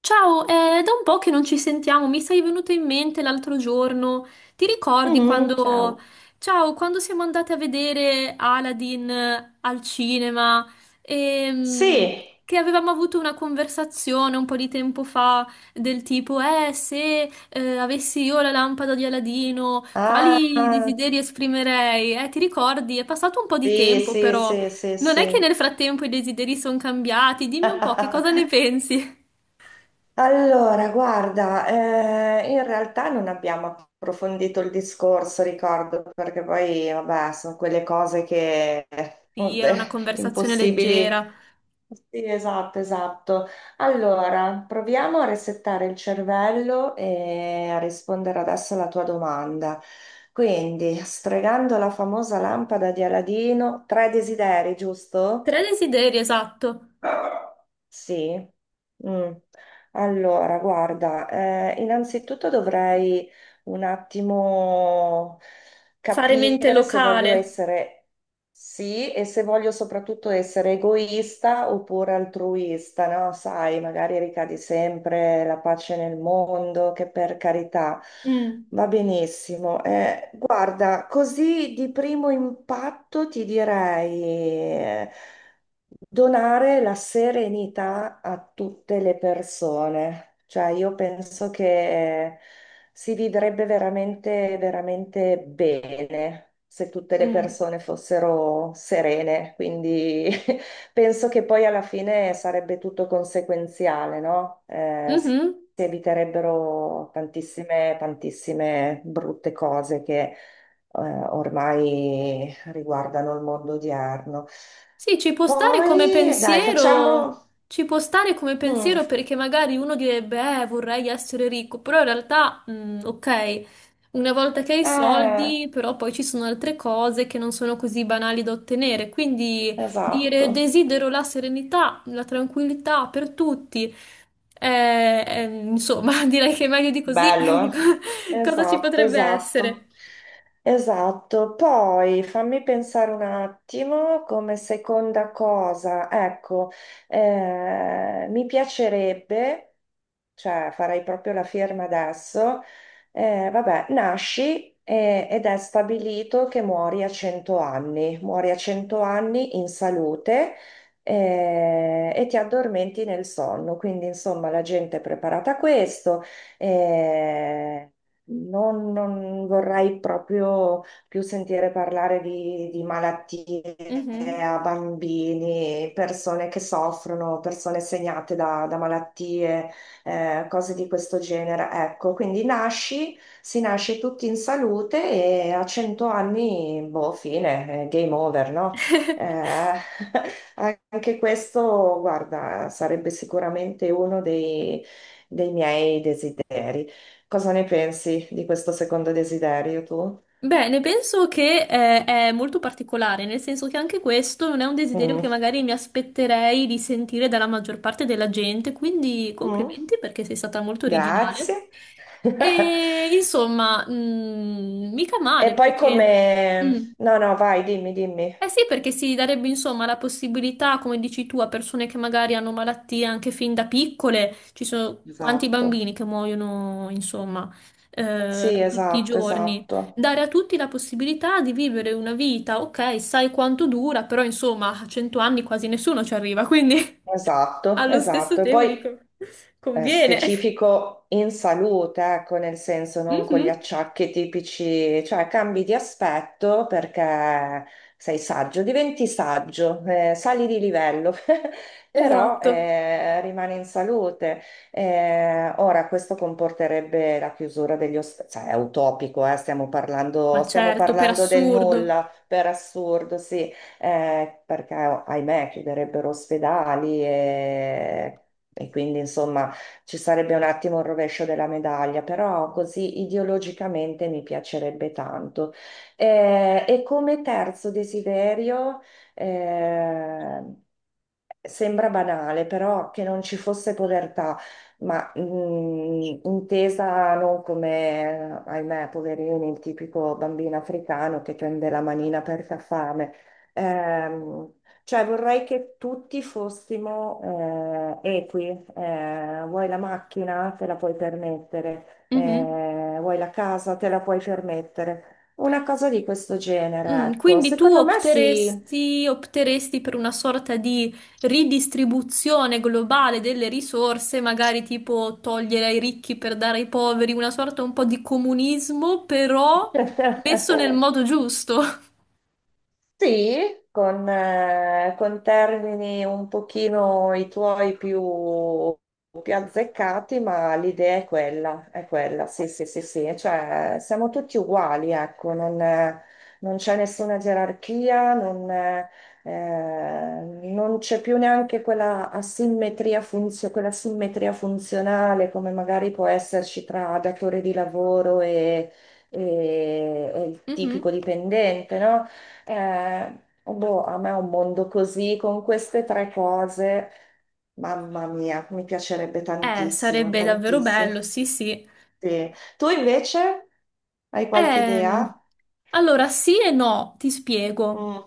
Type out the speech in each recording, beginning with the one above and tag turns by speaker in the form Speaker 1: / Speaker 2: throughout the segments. Speaker 1: Ciao, è da un po' che non ci sentiamo, mi sei venuto in mente l'altro giorno. Ti ricordi
Speaker 2: Mm,
Speaker 1: quando,
Speaker 2: ciao.
Speaker 1: ciao, quando siamo andate a vedere Aladdin al cinema e
Speaker 2: Sì.
Speaker 1: che avevamo avuto una conversazione un po' di tempo fa del tipo, se avessi io la lampada di Aladino,
Speaker 2: Ah,
Speaker 1: quali desideri esprimerei? Ti ricordi? È passato un po' di
Speaker 2: sì,
Speaker 1: tempo,
Speaker 2: sì,
Speaker 1: però
Speaker 2: sì, sì,
Speaker 1: non è che
Speaker 2: sì.
Speaker 1: nel frattempo i desideri sono cambiati. Dimmi un po' che cosa ne pensi?
Speaker 2: Allora, guarda, in realtà non abbiamo approfondito il discorso, ricordo, perché poi, vabbè, sono quelle cose che,
Speaker 1: Sì, era una
Speaker 2: vabbè,
Speaker 1: conversazione
Speaker 2: impossibili.
Speaker 1: leggera.
Speaker 2: Sì, esatto, esatto. Allora, proviamo a resettare il cervello e a rispondere adesso alla tua domanda. Quindi, sfregando la famosa lampada di Aladino, tre desideri, giusto?
Speaker 1: Tre desideri, esatto.
Speaker 2: Sì. Mm. Allora, guarda, innanzitutto dovrei un attimo
Speaker 1: Fare mente
Speaker 2: capire se voglio
Speaker 1: locale.
Speaker 2: essere sì e se voglio soprattutto essere egoista oppure altruista, no? Sai, magari ricadi sempre la pace nel mondo, che per carità.
Speaker 1: Mm,
Speaker 2: Va benissimo. Guarda, così di primo impatto ti direi. Donare la serenità a tutte le persone, cioè io penso che si vivrebbe veramente, veramente bene se tutte le
Speaker 1: mm,
Speaker 2: persone fossero serene, quindi penso che poi alla fine sarebbe tutto conseguenziale, no? Si
Speaker 1: mhm.
Speaker 2: si eviterebbero tantissime, tantissime brutte cose che ormai riguardano il mondo odierno.
Speaker 1: Sì, ci può stare come
Speaker 2: Poi, dai,
Speaker 1: pensiero.
Speaker 2: facciamo...
Speaker 1: Ci può stare come
Speaker 2: Mm,
Speaker 1: pensiero perché magari uno direbbe, vorrei essere ricco, però in realtà, ok. Una volta che hai i
Speaker 2: eh,
Speaker 1: soldi, però poi ci sono altre cose che non sono così banali da ottenere, quindi dire
Speaker 2: esatto.
Speaker 1: desidero la serenità, la tranquillità per tutti, insomma, direi che meglio di così
Speaker 2: Bello, eh?
Speaker 1: cosa ci
Speaker 2: Esatto,
Speaker 1: potrebbe
Speaker 2: esatto,
Speaker 1: essere?
Speaker 2: esatto. Poi fammi pensare un attimo come seconda cosa. Ecco, mi piacerebbe... cioè farai proprio la firma adesso, vabbè, nasci ed è stabilito che muori a 100 anni, muori a 100 anni in salute, e ti addormenti nel sonno, quindi insomma la gente è preparata a questo, eh, non vorrei proprio più sentire parlare di malattie
Speaker 1: Mhm.
Speaker 2: a bambini, persone che soffrono, persone segnate da malattie, cose di questo genere. Ecco, quindi nasci, si nasce tutti in salute e a 100 anni, boh, fine, game over, no? Eh, anche questo, guarda, sarebbe sicuramente uno dei miei desideri. Cosa ne pensi di questo secondo desiderio tu?
Speaker 1: Beh, ne penso che è molto particolare, nel senso che anche questo non è un desiderio che
Speaker 2: Mm,
Speaker 1: magari mi aspetterei di sentire dalla maggior parte della gente, quindi
Speaker 2: mm,
Speaker 1: complimenti perché sei stata molto
Speaker 2: grazie.
Speaker 1: originale. E insomma, mica
Speaker 2: E
Speaker 1: male
Speaker 2: poi
Speaker 1: perché...
Speaker 2: come...
Speaker 1: mm.
Speaker 2: No, no, vai, dimmi, dimmi.
Speaker 1: Eh sì, perché si darebbe insomma la possibilità, come dici tu, a persone che magari hanno malattie anche fin da piccole, ci sono quanti
Speaker 2: Esatto.
Speaker 1: bambini che muoiono, insomma,
Speaker 2: Sì,
Speaker 1: tutti i
Speaker 2: esatto,
Speaker 1: giorni,
Speaker 2: esatto,
Speaker 1: dare a tutti la possibilità di vivere una vita, ok, sai quanto dura, però insomma, a 100 anni quasi nessuno ci arriva, quindi
Speaker 2: esatto,
Speaker 1: allo stesso
Speaker 2: esatto. E
Speaker 1: tempo
Speaker 2: poi
Speaker 1: dico, conviene.
Speaker 2: specifico in salute, ecco, nel senso non con gli
Speaker 1: Mhm,
Speaker 2: acciacchi tipici, cioè cambi di aspetto perché sei saggio, diventi saggio, sali di livello, però
Speaker 1: esatto,
Speaker 2: rimani in salute. Ora, questo comporterebbe la chiusura degli ospedali, cioè è utopico,
Speaker 1: ma
Speaker 2: stiamo
Speaker 1: certo, per
Speaker 2: parlando del
Speaker 1: assurdo.
Speaker 2: nulla, per assurdo, sì, perché ahimè chiuderebbero ospedali e quindi insomma ci sarebbe un attimo il rovescio della medaglia, però così ideologicamente mi piacerebbe tanto. E come terzo desiderio, eh, sembra banale, però che non ci fosse povertà, ma intesa non come, ahimè, poverino, il tipico bambino africano che prende la manina perché ha fame. Ehm, cioè vorrei che tutti fossimo equi. Vuoi la macchina? Te la puoi permettere.
Speaker 1: Mhm.
Speaker 2: Vuoi la casa? Te la puoi permettere. Una cosa di questo genere,
Speaker 1: Mm,
Speaker 2: ecco.
Speaker 1: quindi tu
Speaker 2: Secondo me sì.
Speaker 1: opteresti per una sorta di ridistribuzione globale delle risorse, magari tipo togliere ai ricchi per dare ai poveri, una sorta un po' di comunismo, però messo nel modo giusto.
Speaker 2: Sì, con termini un pochino i tuoi più azzeccati, ma l'idea è quella, sì, sì, sì, sì, cioè siamo tutti uguali, ecco, non, non c'è nessuna gerarchia, non, non c'è più neanche quella asimmetria quella simmetria funzionale come magari può esserci tra datore di lavoro e e il tipico
Speaker 1: Mhm.
Speaker 2: dipendente, no? Boh, a me è un mondo così, con queste tre cose, mamma mia, mi piacerebbe tantissimo,
Speaker 1: Sarebbe davvero
Speaker 2: tantissimo.
Speaker 1: bello, sì, sì.
Speaker 2: Sì. Tu invece hai qualche
Speaker 1: Ehm,
Speaker 2: idea?
Speaker 1: allora, sì e no, ti spiego.
Speaker 2: Mm,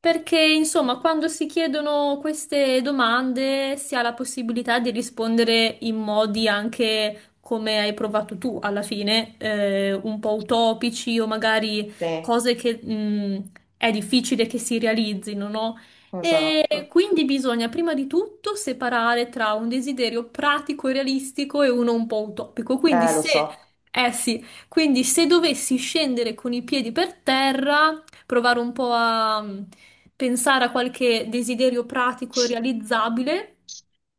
Speaker 1: Perché, insomma, quando si chiedono queste domande si ha la possibilità di rispondere in modi anche come hai provato tu alla fine, un po' utopici o magari
Speaker 2: sì,
Speaker 1: cose che, è difficile che si realizzino, no? E
Speaker 2: esatto.
Speaker 1: quindi bisogna prima di tutto separare tra un desiderio pratico e realistico e uno un po' utopico. Quindi
Speaker 2: Lo
Speaker 1: se
Speaker 2: so.
Speaker 1: eh sì, quindi se dovessi scendere con i piedi per terra, provare un po' a pensare a qualche desiderio pratico e realizzabile,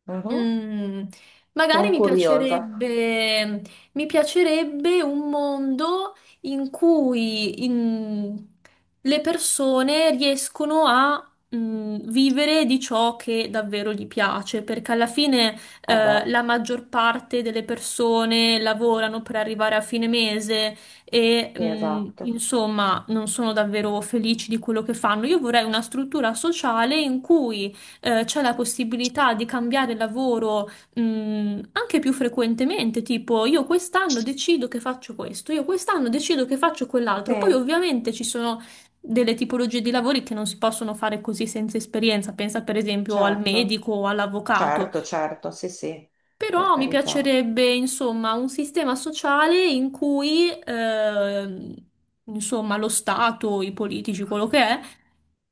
Speaker 2: Mhm.
Speaker 1: Mm, magari
Speaker 2: Sono
Speaker 1: mi
Speaker 2: curiosa.
Speaker 1: piacerebbe, mi piacerebbe un mondo in cui le persone riescono a vivere di ciò che davvero gli piace, perché alla fine
Speaker 2: Eh beh,
Speaker 1: la maggior parte delle persone lavorano per arrivare a fine mese e
Speaker 2: sì, esatto.
Speaker 1: insomma non sono davvero felici di quello che fanno. Io vorrei una struttura sociale in cui c'è la possibilità di cambiare lavoro, anche più frequentemente, tipo io quest'anno decido che faccio questo, io quest'anno decido che faccio
Speaker 2: Sì,
Speaker 1: quell'altro. Poi ovviamente ci sono delle tipologie di lavori che non si possono fare così senza esperienza, pensa per esempio al
Speaker 2: certo,
Speaker 1: medico o all'avvocato.
Speaker 2: certo, certo, sì, sì, per
Speaker 1: Però mi
Speaker 2: carità.
Speaker 1: piacerebbe, insomma, un sistema sociale in cui, insomma, lo Stato, i politici, quello che è,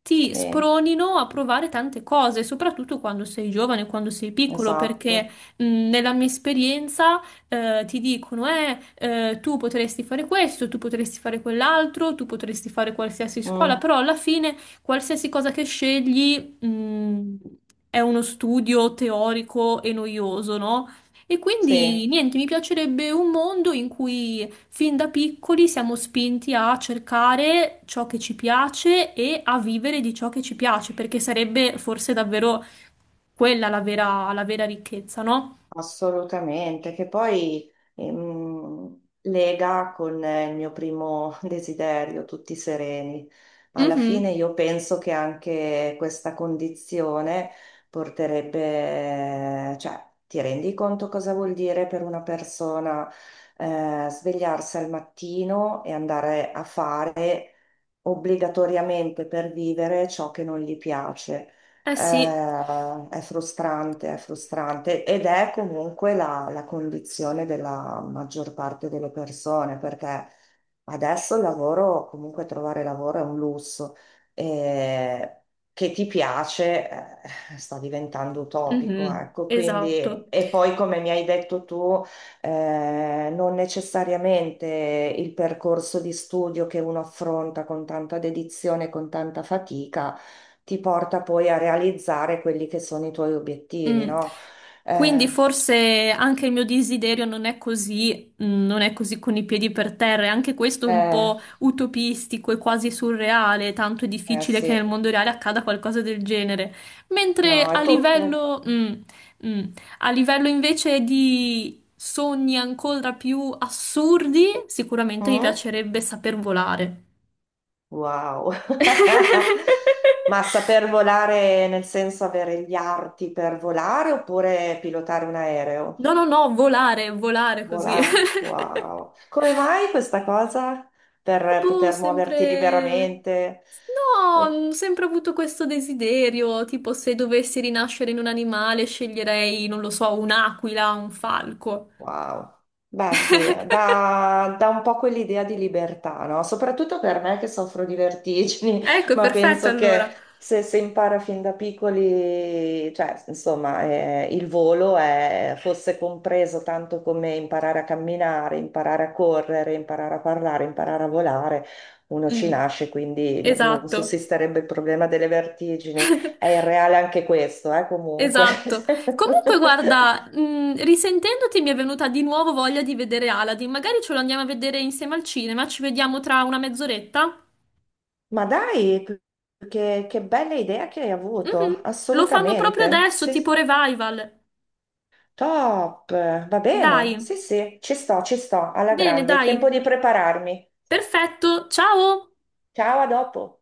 Speaker 1: ti
Speaker 2: Sì,
Speaker 1: spronino a provare tante cose, soprattutto quando sei giovane, quando sei piccolo, perché,
Speaker 2: esatto.
Speaker 1: nella mia esperienza, ti dicono, tu potresti fare questo, tu potresti fare quell'altro, tu potresti fare qualsiasi scuola,
Speaker 2: Mm,
Speaker 1: però alla fine qualsiasi cosa che scegli mm, è uno studio teorico e noioso, no? E quindi
Speaker 2: sì.
Speaker 1: niente, mi piacerebbe un mondo in cui fin da piccoli siamo spinti a cercare ciò che ci piace e a vivere di ciò che ci piace, perché sarebbe forse davvero quella la vera ricchezza, no?
Speaker 2: Assolutamente, che poi lega con il mio primo desiderio, tutti sereni. Alla fine
Speaker 1: Mhm.
Speaker 2: io penso che anche questa condizione porterebbe, cioè, ti rendi conto cosa vuol dire per una persona svegliarsi al mattino e andare a fare obbligatoriamente per vivere ciò che non gli piace?
Speaker 1: Eh
Speaker 2: Eh,
Speaker 1: sì.
Speaker 2: è frustrante ed è comunque la condizione della maggior parte delle persone, perché adesso il lavoro, comunque trovare lavoro è un lusso. Eh, che ti piace, sta diventando utopico,
Speaker 1: Mhm.
Speaker 2: ecco, quindi,
Speaker 1: Esatto.
Speaker 2: e poi come mi hai detto tu, non necessariamente il percorso di studio che uno affronta con tanta dedizione, con tanta fatica ti porta poi a realizzare quelli che sono i tuoi obiettivi,
Speaker 1: Mm.
Speaker 2: no?
Speaker 1: Quindi
Speaker 2: Eh,
Speaker 1: forse anche il mio desiderio non è così con i piedi per terra, e anche questo è un
Speaker 2: eh,
Speaker 1: po' utopistico e quasi surreale, tanto è difficile che
Speaker 2: sì,
Speaker 1: nel mondo reale accada qualcosa del genere. Mentre
Speaker 2: no, è tutto.
Speaker 1: mm, a livello invece di sogni ancora più assurdi, sicuramente mi
Speaker 2: Mm?
Speaker 1: piacerebbe saper volare.
Speaker 2: Wow. Ma saper volare nel senso avere gli arti per volare oppure pilotare un aereo?
Speaker 1: No, no, no, volare, volare così.
Speaker 2: Volare, wow. Come mai questa cosa? Per
Speaker 1: Boh,
Speaker 2: poter muoverti
Speaker 1: sempre.
Speaker 2: liberamente?
Speaker 1: No, ho sempre avuto questo desiderio, tipo se dovessi rinascere in un animale sceglierei, non lo so, un'aquila, un falco.
Speaker 2: Wow. Beh, sì, dà, dà un po' quell'idea di libertà, no? Soprattutto per me che soffro di vertigini,
Speaker 1: Ecco,
Speaker 2: ma
Speaker 1: perfetto
Speaker 2: penso che
Speaker 1: allora.
Speaker 2: se si impara fin da piccoli, cioè, insomma, il fosse compreso tanto come imparare a camminare, imparare a correre, imparare a parlare, imparare a volare, uno ci
Speaker 1: Mm,
Speaker 2: nasce, quindi non
Speaker 1: esatto,
Speaker 2: sussisterebbe il problema delle vertigini. È irreale anche questo, comunque.
Speaker 1: esatto. Comunque, guarda, risentendoti mi è venuta di nuovo voglia di vedere Aladdin. Magari ce lo andiamo a vedere insieme al cinema, ci vediamo tra una mezz'oretta.
Speaker 2: Ma dai, che bella idea che hai avuto,
Speaker 1: Mhm. Lo fanno proprio
Speaker 2: assolutamente.
Speaker 1: adesso,
Speaker 2: Sì,
Speaker 1: tipo revival.
Speaker 2: top, va
Speaker 1: Dai,
Speaker 2: bene, sì, sì, ci sto, alla
Speaker 1: bene,
Speaker 2: grande. Tempo di
Speaker 1: dai.
Speaker 2: prepararmi.
Speaker 1: Perfetto, ciao!
Speaker 2: Ciao, a dopo.